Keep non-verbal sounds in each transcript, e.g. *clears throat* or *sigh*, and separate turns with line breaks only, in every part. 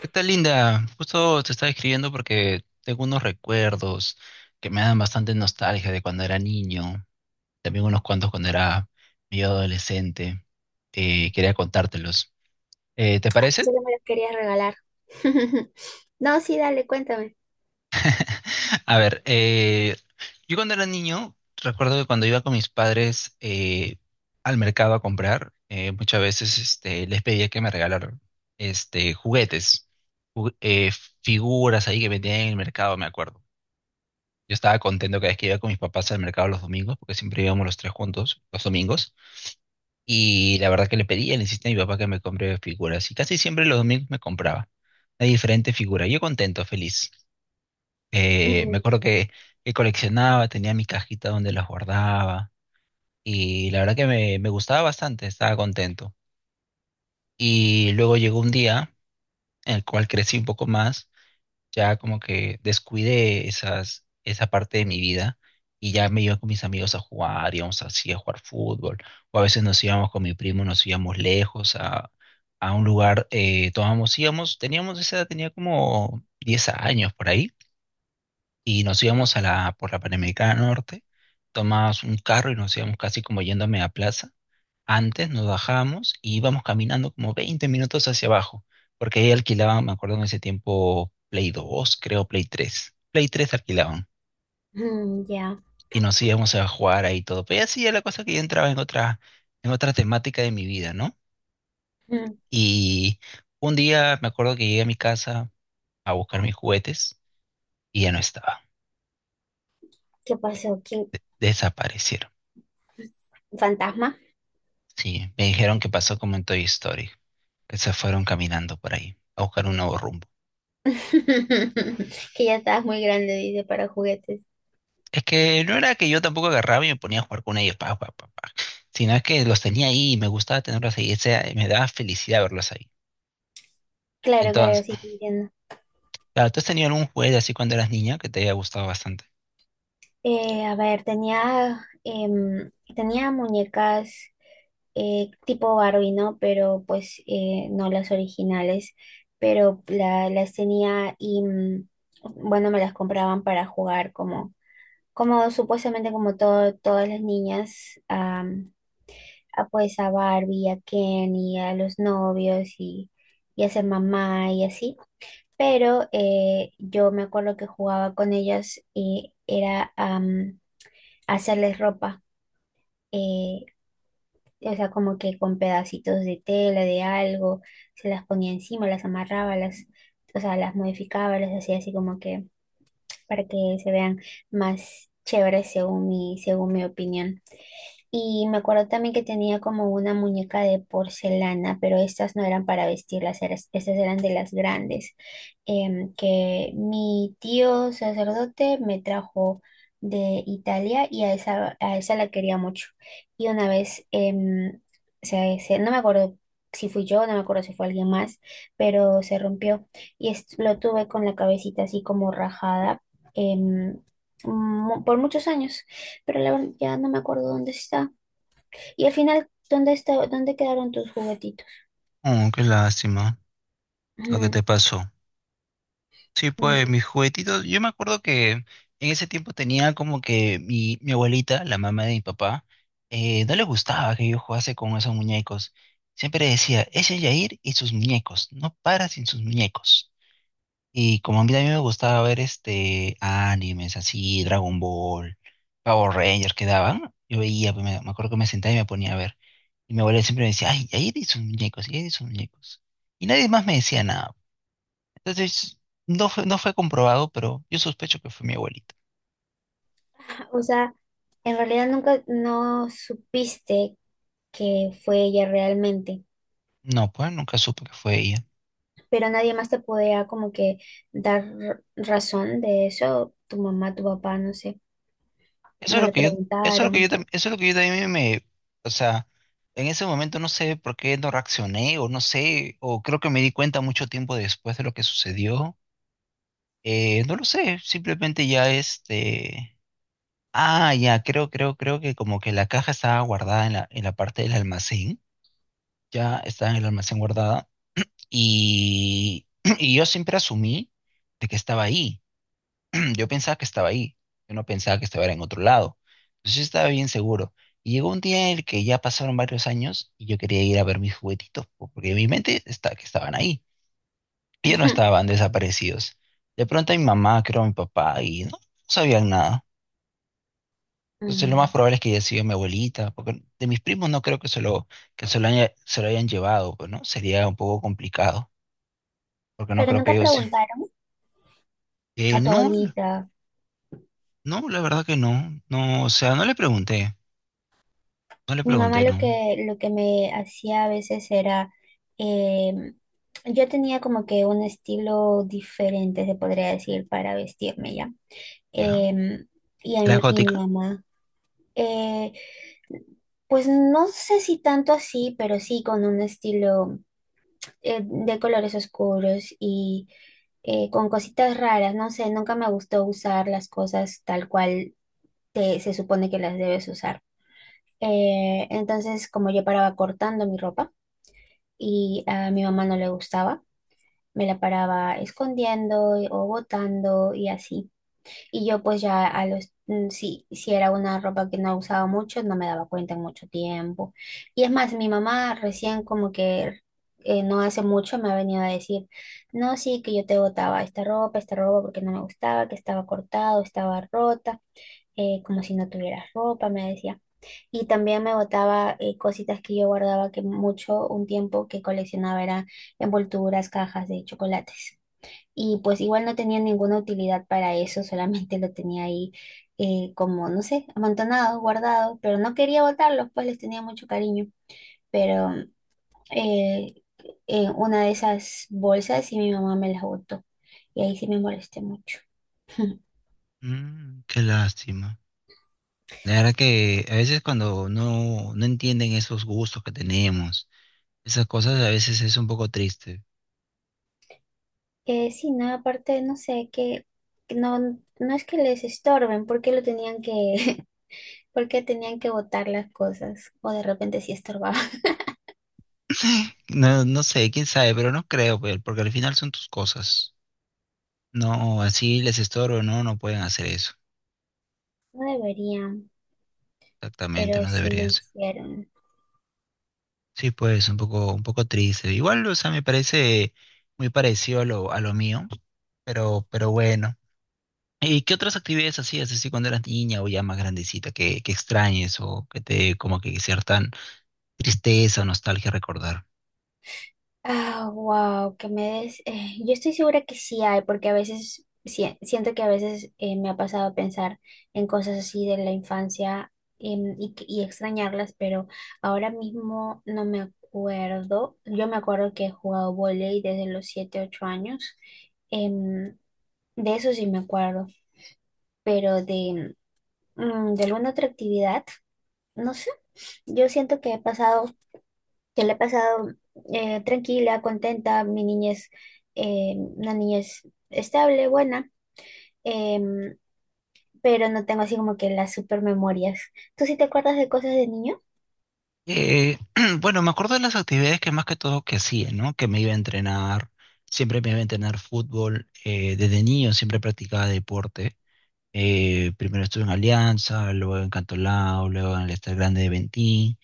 ¿Qué tal, Linda? Justo te estaba escribiendo porque tengo unos recuerdos que me dan bastante nostalgia de cuando era niño, también unos cuantos cuando era medio adolescente. Quería contártelos. ¿Te parece?
Solo me los quería regalar. *laughs* No, sí, dale, cuéntame.
*laughs* A ver, yo cuando era niño, recuerdo que cuando iba con mis padres al mercado a comprar, muchas veces les pedía que me regalaran juguetes, ju- eh, figuras ahí que vendían en el mercado, me acuerdo. Yo estaba contento cada vez que iba con mis papás al mercado los domingos, porque siempre íbamos los tres juntos los domingos. Y la verdad que le pedía, le insistía a mi papá que me compre figuras. Y casi siempre los domingos me compraba una diferente figura. Yo contento, feliz. Me
Mm,
acuerdo que coleccionaba, tenía mi cajita donde las guardaba. Y la verdad que me gustaba bastante, estaba contento. Y luego llegó un día en el cual crecí un poco más, ya como que descuidé esa parte de mi vida, y ya me iba con mis amigos a jugar, íbamos así a jugar fútbol, o a veces nos íbamos con mi primo, nos íbamos lejos a un lugar, tomábamos, íbamos, teníamos esa edad, tenía como 10 años por ahí, y nos íbamos a la, por la Panamericana Norte, tomábamos un carro y nos íbamos casi como yéndome a plaza, antes nos bajábamos y íbamos caminando como 20 minutos hacia abajo, porque ahí alquilaban, me acuerdo en ese tiempo, Play 2, creo Play 3. Play 3 alquilaban
mm. Ya.
y nos íbamos a jugar ahí todo. Pero así era la cosa que yo entraba en otra temática de mi vida, ¿no?
Mm.
Y un día me acuerdo que llegué a mi casa a buscar mis juguetes y ya no estaban.
¿Qué pasó? ¿Quién?
Desaparecieron.
¿Fantasma?
Sí, me dijeron que pasó como en Toy Story, que se fueron caminando por ahí a buscar un nuevo rumbo.
*laughs* Que ya estabas muy grande, dice, para juguetes.
Es que no era que yo tampoco agarraba y me ponía a jugar con ellos, pa, pa, pa, pa, sino es que los tenía ahí y me gustaba tenerlos ahí, o sea, me daba felicidad verlos ahí.
Claro, claro,
Entonces,
sí te entiendo.
claro, ¿tú has tenido algún juguete así cuando eras niña que te haya gustado bastante?
A ver, tenía muñecas tipo Barbie, ¿no? Pero pues no las originales, pero las tenía y bueno, me las compraban para jugar como supuestamente como todo, todas las niñas, a, pues a Barbie, a Kenny, a los novios y a ser mamá y así. Pero yo me acuerdo que jugaba con ellas y era hacerles ropa, eh, o sea, como que con pedacitos de tela, de algo, se las ponía encima, las amarraba, las, o sea, las modificaba, las hacía así como que para que se vean más chéveres según mi opinión. Y me acuerdo también que tenía como una muñeca de porcelana, pero estas no eran para vestirlas, estas eran de las grandes, que mi tío sacerdote me trajo de Italia y a esa la quería mucho. Y una vez, no me acuerdo si fui yo, no me acuerdo si fue alguien más, pero se rompió y lo tuve con la cabecita así como rajada, em, por muchos años, pero la verdad ya no me acuerdo dónde está. Y al final, ¿dónde está, dónde quedaron tus juguetitos?
Oh, qué lástima lo que
Ujú.
te pasó. Sí, pues
Mm.
mis juguetitos, yo me acuerdo que en ese tiempo tenía como que mi abuelita, la mamá de mi papá, no le gustaba que yo jugase con esos muñecos. Siempre decía, ese Yair y sus muñecos, no para sin sus muñecos. Y como a mí también me gustaba ver animes así, Dragon Ball, Power Rangers que daban, yo veía, pues, me acuerdo que me sentaba y me ponía a ver. Y mi abuela siempre me decía, ay, ahí hay sus muñecos, ahí hay sus muñecos. Y nadie más me decía nada. Entonces, no fue comprobado, pero yo sospecho que fue mi abuelita.
O sea, en realidad nunca no supiste que fue ella realmente,
No, pues nunca supe que fue ella.
pero nadie más te podía como que dar razón de eso, tu mamá, tu papá, no sé,
Eso es
no
lo
le
que yo, eso es lo que yo,
preguntaron.
tam- Eso es lo que yo también me, o sea, en ese momento no sé por qué no reaccioné, o no sé, o creo que me di cuenta mucho tiempo después de lo que sucedió. No lo sé, simplemente ya. Ah, ya, creo que como que la caja estaba guardada en la, parte del almacén, ya estaba en el almacén guardada, y, *clears throat* y yo siempre asumí de que estaba ahí, *clears throat* yo pensaba que estaba ahí, yo no pensaba que estaba en otro lado, entonces yo estaba bien seguro. Y llegó un día en el que ya pasaron varios años y yo quería ir a ver mis juguetitos, porque en mi mente está, que estaban ahí. Ellos no
Ujú.
estaban desaparecidos. De pronto mi mamá, creo mi papá, y no sabían nada. Entonces lo más
Mm.
probable es que haya sido mi abuelita, porque de mis primos no creo que se lo, se lo hayan llevado, pues, ¿no? Sería un poco complicado, porque no
Pero
creo que
nunca
ellos...
preguntaron
Eh,
a tu
no,
abuelita.
no, la verdad que no. No, o sea, no le pregunté. No le
Mi mamá
pregunté,
lo
no.
que, lo que me hacía a veces era, em, yo tenía como que un estilo diferente, se podría decir, para vestirme ya.
¿Ya?
Em, y, a
¿Era
mi, y mi
gótica?
mamá, eh, pues no sé si tanto así, pero sí con un estilo de colores oscuros y con cositas raras, no sé, nunca me gustó usar las cosas tal cual se supone que las debes usar. Entonces, como yo paraba cortando mi ropa, y a mi mamá no le gustaba. Me la paraba escondiendo o botando y así. Y yo pues ya a los, si era una ropa que no usaba mucho, no me daba cuenta en mucho tiempo. Y es más, mi mamá recién como que no hace mucho me ha venido a decir, no, sí, que yo te botaba esta ropa porque no me gustaba, que estaba cortado, estaba rota, como si no tuvieras ropa, me decía. Y también me botaba cositas que yo guardaba que mucho, un tiempo que coleccionaba era envolturas, cajas de chocolates. Y pues igual no tenía ninguna utilidad para eso, solamente lo tenía ahí, como, no sé, amontonado, guardado, pero no quería botarlos, pues les tenía mucho cariño. Pero eh, una de esas bolsas y mi mamá me las botó. Y ahí sí me molesté mucho. *laughs*
Mm, qué lástima. La verdad que a veces cuando no, no entienden esos gustos que tenemos, esas cosas a veces es un poco triste.
Sí, no, aparte, no sé, que no, no es que les estorben, porque lo tenían que, *laughs* porque tenían que botar las cosas o de repente sí estorbaban. *laughs*
No, no sé, quién sabe, pero no creo, porque al final son tus cosas. No, así les estorbo, no, no pueden hacer eso.
No deberían,
Exactamente,
pero
no
sí lo
deberían ser.
hicieron.
Sí, pues, un poco, triste. Igual, o sea, me parece muy parecido a lo, mío, pero bueno. ¿Y qué otras actividades hacías así cuando eras niña o ya más grandecita que extrañes o que te como que cierta tristeza o nostalgia recordar?
Ah, wow, yo estoy segura que sí hay, porque a veces siento que a veces me ha pasado pensar en cosas así de la infancia, y, y extrañarlas, pero ahora mismo no me acuerdo. Yo me acuerdo que he jugado vóley desde los 7 8 años. Em, de eso sí me acuerdo, pero de alguna otra actividad. No sé, yo siento que he pasado, que le he pasado tranquila, contenta, mi niñez, una niñez estable, buena, em, pero no tengo así como que las super memorias. ¿Tú sí te acuerdas de cosas de niño?
Eh, *clears throat* bueno, me acuerdo de las actividades que más que todo que hacía, ¿no? Que me iba a entrenar, siempre me iba a entrenar fútbol, desde niño siempre practicaba deporte. Primero estuve en Alianza, luego en Cantolao, luego en el Estar Grande de Ventín,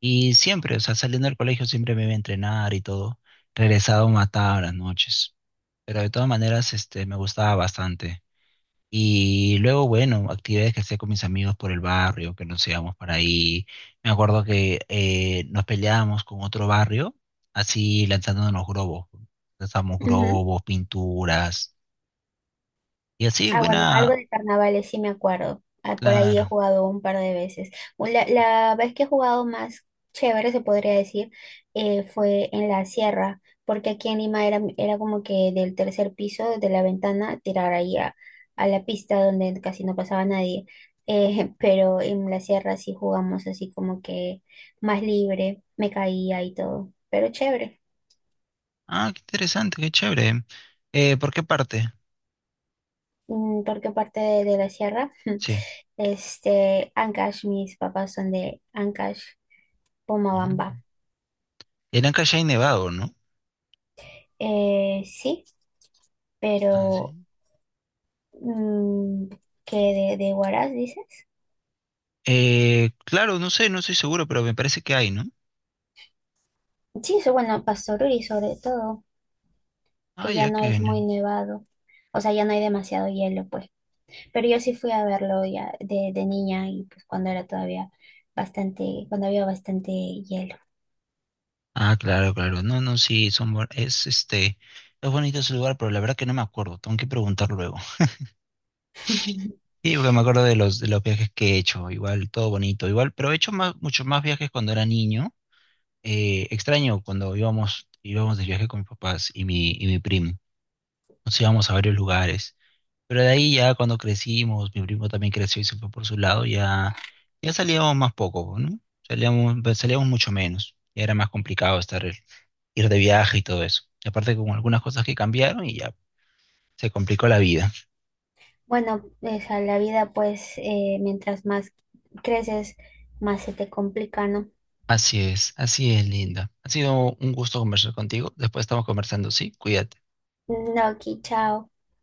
y siempre, o sea, saliendo del colegio siempre me iba a entrenar y todo. Regresaba mataba a las noches, pero de todas maneras, me gustaba bastante. Y luego, bueno, actividades que hacía con mis amigos por el barrio, que nos íbamos para ahí. Me acuerdo que nos peleábamos con otro barrio, así lanzándonos globos. Lanzamos globos, pinturas, y así,
Ah, bueno,
buena,
algo de carnavales sí me acuerdo. Ah, por ahí he
claro.
jugado un par de veces. La vez que he jugado más chévere, se podría decir, fue en la sierra, porque aquí en Lima era como que del tercer piso, de la ventana, tirar ahí a la pista donde casi no pasaba nadie. *laughs* Pero en la sierra sí jugamos así como que más libre, me caía y todo, pero chévere.
Ah, qué interesante, qué chévere. ¿Por qué parte?
Porque parte de la sierra,
Sí.
*laughs* Ancash, mis papás son de Ancash, Pomabamba.
Ah, era en Callao y Nevado, ¿no?
Sí,
Ah,
pero
sí.
mm, que de Huaraz, dices.
Claro, no sé, no estoy seguro, pero me parece que hay, ¿no?
Sí, eso, bueno, Pastoruri sobre todo,
Ah,
que ya
ya,
no
que.
es muy nevado, o sea, ya no hay demasiado hielo, pues. Pero yo sí fui a verlo ya de niña y pues cuando era todavía bastante, cuando había bastante hielo.
Ah, claro, claro. No, no, sí, son, es bonito ese lugar, pero la verdad que no me acuerdo, tengo que preguntar luego. *laughs*
*laughs*
Sí, porque me acuerdo de los, viajes que he hecho, igual, todo bonito, igual, pero he hecho muchos más viajes cuando era niño. Extraño cuando íbamos de viaje con mis papás y y mi primo. Nos íbamos a varios lugares. Pero de ahí ya cuando crecimos, mi primo también creció y se fue por su lado, ya salíamos más poco, ¿no? Salíamos mucho menos. Ya era más complicado estar ir de viaje y todo eso. Y aparte con algunas cosas que cambiaron y ya se complicó la vida.
Bueno, o sea, la vida pues mientras más creces, más se te complica, ¿no?
Así es, Linda. Ha sido un gusto conversar contigo. Después estamos conversando, sí, cuídate.
No, aquí, chao.